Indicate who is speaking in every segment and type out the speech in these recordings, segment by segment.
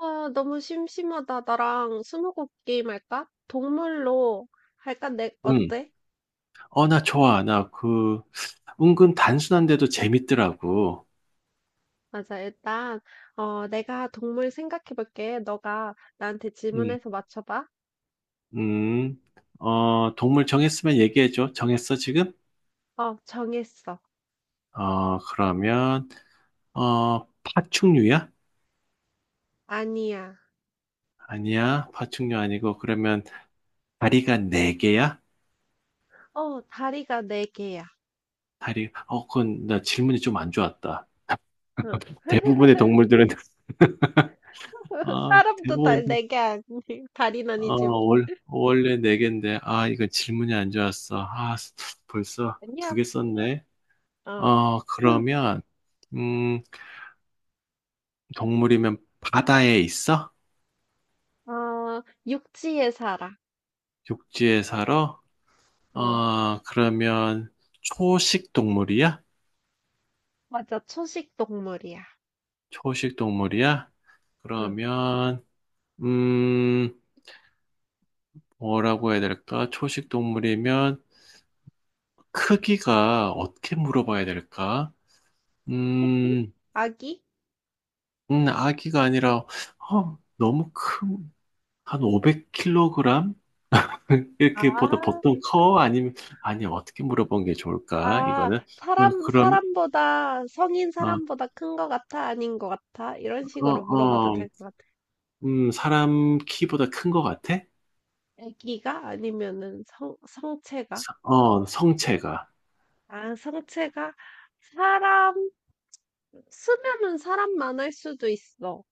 Speaker 1: 아, 너무 심심하다. 나랑 스무고개 게임 할까? 동물로 할까? 내,
Speaker 2: 음.
Speaker 1: 어때?
Speaker 2: 나 좋아. 나 은근 단순한데도 재밌더라고.
Speaker 1: 맞아. 일단, 내가 동물 생각해 볼게. 너가 나한테
Speaker 2: 음,
Speaker 1: 질문해서 맞춰봐.
Speaker 2: 음. 동물 정했으면 얘기해줘. 정했어, 지금?
Speaker 1: 어, 정했어.
Speaker 2: 어, 그러면, 파충류야?
Speaker 1: 아니야.
Speaker 2: 아니야. 파충류 아니고, 그러면 다리가 네개야
Speaker 1: 어, 다리가 네 개야.
Speaker 2: 그건 나 질문이 좀 안 좋았다.
Speaker 1: 응.
Speaker 2: 대부분의 동물들은, 아,
Speaker 1: 사람도 다,
Speaker 2: 대부분,
Speaker 1: 네개 아니, 다리는 아니지만.
Speaker 2: 원래 네개인데 이건 질문이 안 좋았어. 벌써 두
Speaker 1: 아니야.
Speaker 2: 개 썼네.
Speaker 1: 어.
Speaker 2: 어, 그러면, 음, 동물이면 바다에 있어?
Speaker 1: 어, 육지에 살아.
Speaker 2: 육지에 살아?
Speaker 1: 응.
Speaker 2: 어, 그러면 초식 동물이야?
Speaker 1: 맞아. 초식 동물이야.
Speaker 2: 초식 동물이야?
Speaker 1: 응.
Speaker 2: 그러면, 음, 뭐라고 해야 될까? 초식 동물이면 크기가 어떻게 물어봐야 될까?
Speaker 1: 새끼?
Speaker 2: 음,
Speaker 1: 아기?
Speaker 2: 아기가 아니라, 너무 큰, 한 500kg? 이렇게 보다
Speaker 1: 아.
Speaker 2: 보통 커? 아니면, 아니, 어떻게 물어본 게 좋을까?
Speaker 1: 아,
Speaker 2: 이거는, 어,
Speaker 1: 사람,
Speaker 2: 그럼,
Speaker 1: 사람보다, 성인
Speaker 2: 어,
Speaker 1: 사람보다 큰 거 같아? 아닌 거 같아? 이런
Speaker 2: 어,
Speaker 1: 식으로 물어봐도
Speaker 2: 어,
Speaker 1: 될 것 같아.
Speaker 2: 사람 키보다 큰 것 같아?
Speaker 1: 애기가? 아니면은 성, 성체가?
Speaker 2: 성체가.
Speaker 1: 아, 성체가? 사람, 쓰면은 사람만 할 수도 있어.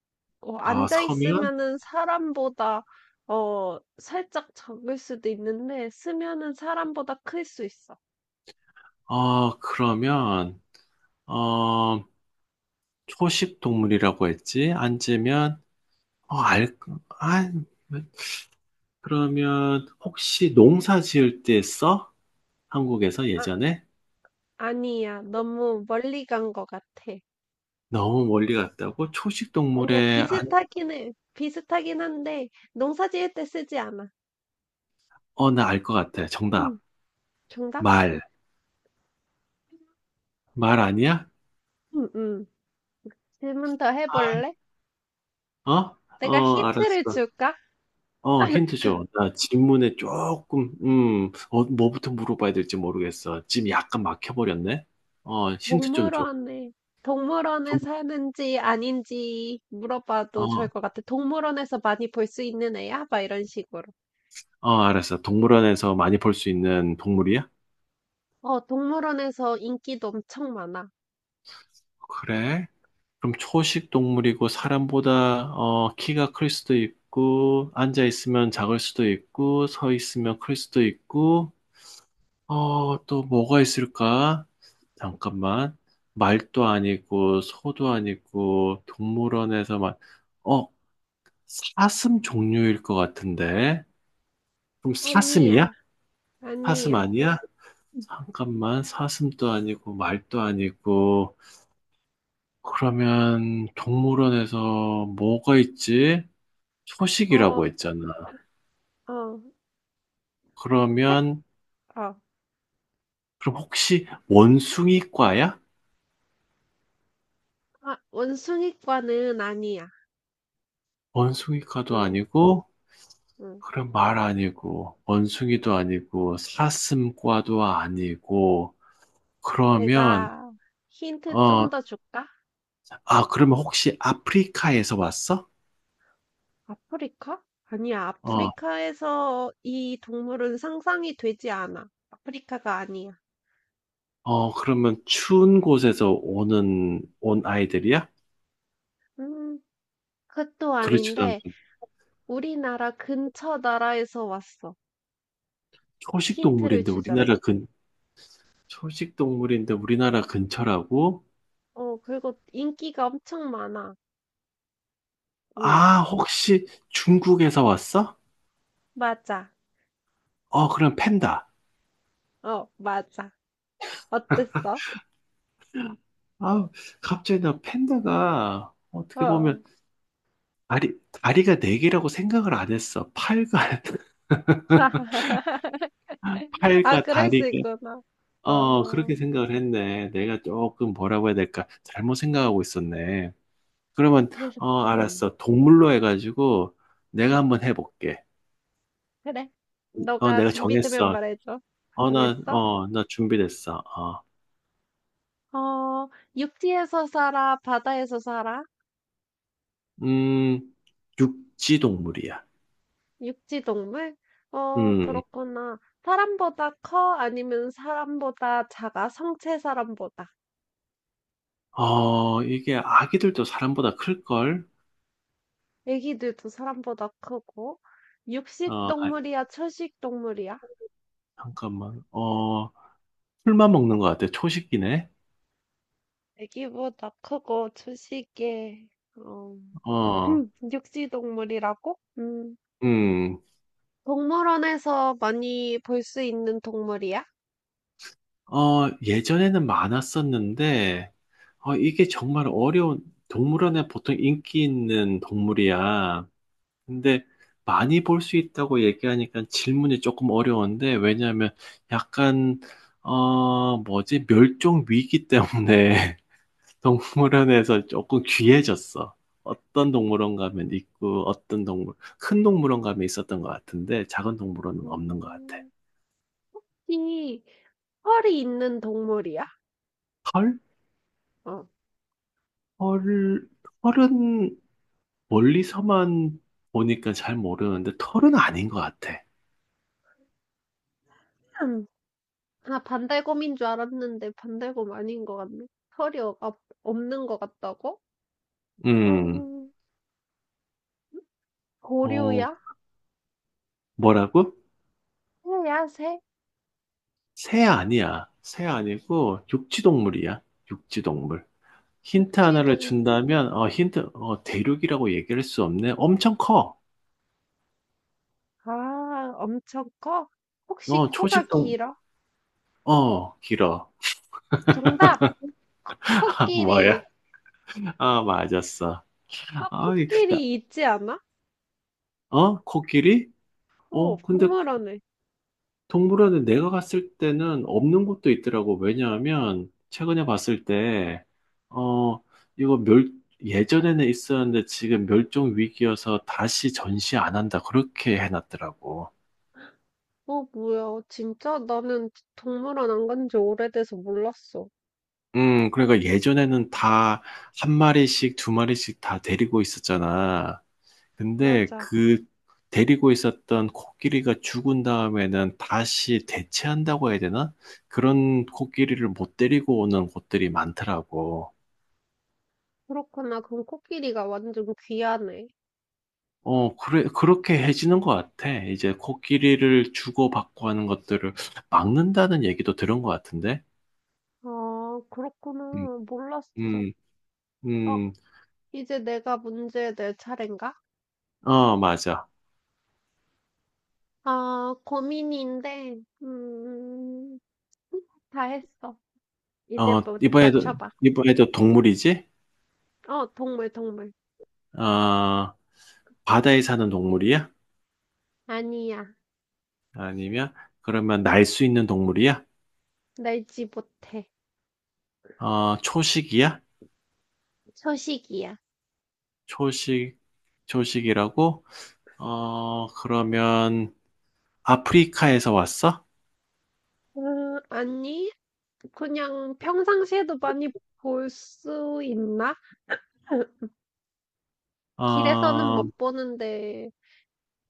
Speaker 1: 어,
Speaker 2: 어,
Speaker 1: 앉아
Speaker 2: 서면?
Speaker 1: 있으면은 사람보다, 어, 살짝 적을 수도 있는데, 쓰면은 사람보다 클 수 있어.
Speaker 2: 어, 그러면, 어, 초식 동물이라고 했지? 앉으면, 어, 알, 아, 그러면, 혹시 농사 지을 때 써? 한국에서
Speaker 1: 아,
Speaker 2: 예전에?
Speaker 1: 아니야. 너무 멀리 간 것 같아.
Speaker 2: 너무 멀리 갔다고? 초식
Speaker 1: 아니야,
Speaker 2: 동물에, 안,
Speaker 1: 비슷하긴 해. 비슷하긴 한데, 농사 지을 때 쓰지 않아.
Speaker 2: 어, 나 알 것 같아. 정답.
Speaker 1: 응, 정답?
Speaker 2: 말. 말 아니야?
Speaker 1: 응, 응. 질문 더
Speaker 2: 아,
Speaker 1: 해볼래?
Speaker 2: 어?
Speaker 1: 내가 힌트를
Speaker 2: 알았어.
Speaker 1: 줄까?
Speaker 2: 힌트 줘. 나 질문에 조금 뭐부터 물어봐야 될지 모르겠어. 지금 약간 막혀버렸네? 힌트 좀 줘.
Speaker 1: 동물원에, 동물원에
Speaker 2: 동-
Speaker 1: 사는지 아닌지 물어봐도 좋을
Speaker 2: 어,
Speaker 1: 것 같아. 동물원에서 많이 볼 수 있는 애야? 막 이런 식으로.
Speaker 2: 알았어. 동물원에서 많이 볼 수 있는 동물이야?
Speaker 1: 어, 동물원에서 인기도 엄청 많아.
Speaker 2: 그래? 그럼 초식 동물이고 사람보다 키가 클 수도 있고 앉아 있으면 작을 수도 있고 서 있으면 클 수도 있고 또 뭐가 있을까? 잠깐만. 말도 아니고, 소도 아니고, 동물원에서만, 어, 사슴 종류일 것 같은데? 그럼
Speaker 1: 아니야,
Speaker 2: 사슴이야? 사슴
Speaker 1: 아니야.
Speaker 2: 아니야? 잠깐만, 사슴도 아니고, 말도 아니고, 그러면 동물원에서 뭐가 있지?
Speaker 1: 어,
Speaker 2: 초식이라고 했잖아.
Speaker 1: 어, 색,
Speaker 2: 그러면,
Speaker 1: 어.
Speaker 2: 그럼 혹시 원숭이과야?
Speaker 1: 아, 원숭이과는 아니야.
Speaker 2: 원숭이과도
Speaker 1: 응,
Speaker 2: 아니고,
Speaker 1: 응.
Speaker 2: 그럼 말 아니고, 원숭이도 아니고, 사슴과도 아니고, 그러면,
Speaker 1: 내가 힌트
Speaker 2: 어,
Speaker 1: 좀 더 줄까?
Speaker 2: 그러면 혹시 아프리카에서 왔어?
Speaker 1: 아프리카? 아니야,
Speaker 2: 어,
Speaker 1: 아프리카에서 이 동물은 상상이 되지 않아. 아프리카가 아니야.
Speaker 2: 그러면 추운 곳에서 오는, 온 아이들이야?
Speaker 1: 음, 그것도
Speaker 2: 그렇지도
Speaker 1: 아닌데,
Speaker 2: 않고,
Speaker 1: 우리나라 근처 나라에서 왔어.
Speaker 2: 초식
Speaker 1: 힌트를
Speaker 2: 동물인데 우리나라
Speaker 1: 주자면.
Speaker 2: 근, 초식 동물인데 우리나라 근처라고?
Speaker 1: 어, 그리고 인기가 엄청 많아. 응,
Speaker 2: 혹시 중국에서 왔어?
Speaker 1: 맞아.
Speaker 2: 그럼 팬다.
Speaker 1: 어, 맞아. 어땠어?
Speaker 2: 아, 갑자기 나 팬다가, 어떻게
Speaker 1: 어.
Speaker 2: 보면, 다리, 다리가 네 개라고 생각을 안 했어. 팔과,
Speaker 1: 아,
Speaker 2: 팔과
Speaker 1: 그럴 수
Speaker 2: 다리가,
Speaker 1: 있구나. 어,
Speaker 2: 그렇게 생각을 했네. 내가 조금 뭐라고 해야 될까? 잘못 생각하고 있었네. 그러면,
Speaker 1: 그래서, 음.
Speaker 2: 알았어. 동물로 해가지고 내가 한번 해볼게.
Speaker 1: 그래. 너가
Speaker 2: 내가
Speaker 1: 준비되면
Speaker 2: 정했어.
Speaker 1: 말해줘. 정했어?
Speaker 2: 나 준비됐어.
Speaker 1: 어, 육지에서 살아, 바다에서 살아?
Speaker 2: 음, 육지 동물이야.
Speaker 1: 육지 동물? 어,
Speaker 2: 음,
Speaker 1: 그렇구나. 사람보다 커? 아니면 사람보다 작아? 성체 사람보다.
Speaker 2: 이게 아기들도 사람보다 클걸?
Speaker 1: 애기들도 사람보다 크고. 육식
Speaker 2: 어, 아,
Speaker 1: 동물이야, 초식 동물이야?
Speaker 2: 잠깐만. 풀만 먹는 것 같아. 초식이네.
Speaker 1: 애기보다 크고, 초식에, 어,
Speaker 2: 어,
Speaker 1: 육지 동물이라고? 음.
Speaker 2: 음,
Speaker 1: 동물원에서 많이 볼 수 있는 동물이야?
Speaker 2: 예전에는 많았었는데, 이게 정말 어려운, 동물원에 보통 인기 있는 동물이야. 근데 많이 볼 수 있다고 얘기하니까 질문이 조금 어려운데, 왜냐하면 약간 뭐지, 멸종 위기 때문에 동물원에서 조금 귀해졌어. 어떤 동물원 가면 있고, 어떤 동물, 큰 동물원 가면 있었던 것 같은데, 작은 동물원은 없는 것 같아.
Speaker 1: 음, 혹시 털이 있는 동물이야?
Speaker 2: 털?
Speaker 1: 어.
Speaker 2: 털, 털은 멀리서만 보니까 잘 모르는데 털은 아닌 것 같아.
Speaker 1: 음. 아, 반달곰인 줄 알았는데 반달곰 아닌 것 같네. 털이 없는 것 같다고?
Speaker 2: 음,
Speaker 1: 음,
Speaker 2: 어,
Speaker 1: 고류야?
Speaker 2: 뭐라고?
Speaker 1: 새야, 새?
Speaker 2: 새 아니야. 새 아니고 육지동물이야. 육지동물. 힌트
Speaker 1: 육지동
Speaker 2: 하나를 준다면, 어, 힌트, 어, 대륙이라고 얘기할 수 없네. 엄청 커.
Speaker 1: 아, 엄청 커? 혹시
Speaker 2: 어,
Speaker 1: 코가
Speaker 2: 초식동,
Speaker 1: 길어?
Speaker 2: 길어.
Speaker 1: 정답! 코,
Speaker 2: 아, 뭐야?
Speaker 1: 코끼리!
Speaker 2: 아, 맞았어.
Speaker 1: 아,
Speaker 2: 아, 이- 나-
Speaker 1: 코끼리 있지 않아?
Speaker 2: 코끼리?
Speaker 1: 어,
Speaker 2: 근데
Speaker 1: 동물원에.
Speaker 2: 동물원에 내가 갔을 때는 없는 곳도 있더라고. 왜냐하면 최근에 봤을 때, 어, 이거 멸, 예전에는 있었는데 지금 멸종 위기여서 다시 전시 안 한다. 그렇게 해놨더라고.
Speaker 1: 어, 뭐야. 진짜? 나는 동물원 안 간지 오래돼서 몰랐어.
Speaker 2: 그러니까 예전에는 다 한 마리씩, 두 마리씩 다 데리고 있었잖아. 근데
Speaker 1: 맞아.
Speaker 2: 그 데리고 있었던 코끼리가 죽은 다음에는 다시 대체한다고 해야 되나? 그런 코끼리를 못 데리고 오는 곳들이 많더라고.
Speaker 1: 그렇구나. 그럼 코끼리가 완전 귀하네.
Speaker 2: 그래, 그렇게 해지는 것 같아. 이제 코끼리를 주고받고 하는 것들을 막는다는 얘기도 들은 것 같은데.
Speaker 1: 아,
Speaker 2: 음,
Speaker 1: 그렇구나. 몰랐어.
Speaker 2: 음,
Speaker 1: 어,
Speaker 2: 음,
Speaker 1: 이제 내가 문제 낼 차례인가?
Speaker 2: 맞아.
Speaker 1: 아, 고민인데, 음, 다 했어. 이제
Speaker 2: 어,
Speaker 1: 뭐,
Speaker 2: 이번에도,
Speaker 1: 맞춰봐.
Speaker 2: 이번에도 동물이지?
Speaker 1: 어, 동물, 동물.
Speaker 2: 어, 바다에 사는 동물이야?
Speaker 1: 아니야.
Speaker 2: 아니면, 그러면 날 수 있는 동물이야?
Speaker 1: 날지 못해.
Speaker 2: 초식이야?
Speaker 1: 초식이야.
Speaker 2: 초식, 초식이라고? 그러면 아프리카에서 왔어?
Speaker 1: 아니, 그냥 평상시에도 많이 볼 수 있나? 길에서는
Speaker 2: 어,
Speaker 1: 못 보는데,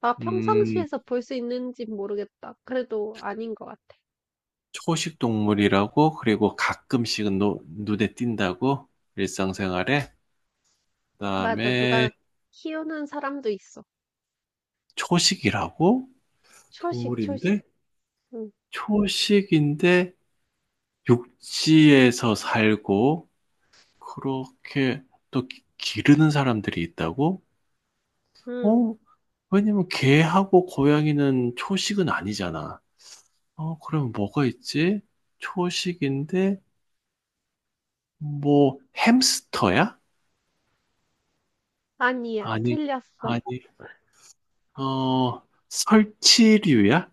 Speaker 1: 나
Speaker 2: 음,
Speaker 1: 평상시에서 볼 수 있는지 모르겠다. 그래도 아닌 것 같아.
Speaker 2: 초식 동물이라고, 그리고 가끔씩은 눈에 띈다고, 일상생활에.
Speaker 1: 맞아,
Speaker 2: 그다음에
Speaker 1: 누가 키우는 사람도 있어.
Speaker 2: 초식이라고,
Speaker 1: 초식, 초식.
Speaker 2: 동물인데,
Speaker 1: 응,
Speaker 2: 초식인데 육지에서 살고, 그렇게 또 기르는 사람들이 있다고?
Speaker 1: 응.
Speaker 2: 어? 왜냐면 개하고 고양이는 초식은 아니잖아. 그럼 뭐가 있지? 초식인데, 뭐, 햄스터야?
Speaker 1: 아니야,
Speaker 2: 아니,
Speaker 1: 틀렸어.
Speaker 2: 아니. 어, 설치류야?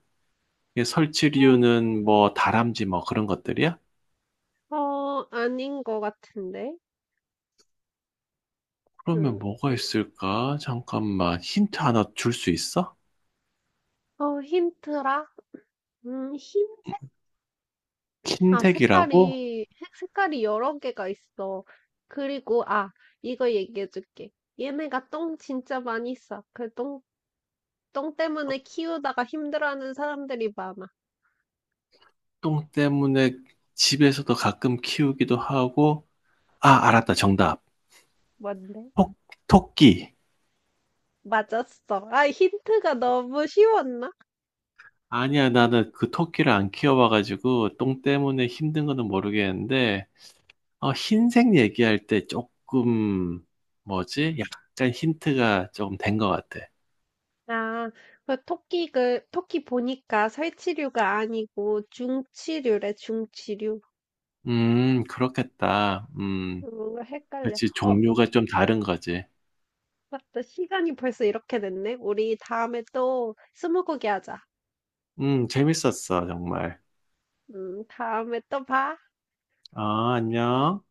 Speaker 2: 예, 설치류는 뭐 다람쥐 뭐 그런 것들이야?
Speaker 1: 어, 어, 아닌 것 같은데.
Speaker 2: 그러면
Speaker 1: 응.
Speaker 2: 뭐가 있을까? 잠깐만 힌트 하나 줄 수 있어?
Speaker 1: 어, 힌트라? 흰색?
Speaker 2: 킨
Speaker 1: 아,
Speaker 2: 색이라고
Speaker 1: 색깔이, 색깔이 여러 개가 있어. 그리고, 아, 이거 얘기해 줄게. 얘네가 똥 진짜 많이 싸. 그 똥, 똥 때문에 키우다가 힘들어하는 사람들이 많아.
Speaker 2: 똥 때문에 집에서도 가끔 키우기도 하고 아
Speaker 1: 응,
Speaker 2: 알았다 정답
Speaker 1: 뭔데?
Speaker 2: 토, 토끼
Speaker 1: 맞았어. 아, 힌트가 너무 쉬웠나?
Speaker 2: 아니야 나는 그 토끼를 안 키워봐가지고 똥 때문에 힘든 거는 모르겠는데 흰색 얘기할 때 조금 뭐지? 약간 힌트가 조금 된 것 같아
Speaker 1: 아, 그 토끼, 그, 토끼 보니까 살치류가 아니고 중치류래, 중치류.
Speaker 2: 그렇겠다.
Speaker 1: 헷갈려.
Speaker 2: 그렇지.
Speaker 1: 어,
Speaker 2: 종류가 좀 다른 거지.
Speaker 1: 맞다. 시간이 벌써 이렇게 됐네. 우리 다음에 또 스무고개 하자.
Speaker 2: 재밌었어, 정말.
Speaker 1: 다음에 또 봐.
Speaker 2: 아, 안녕.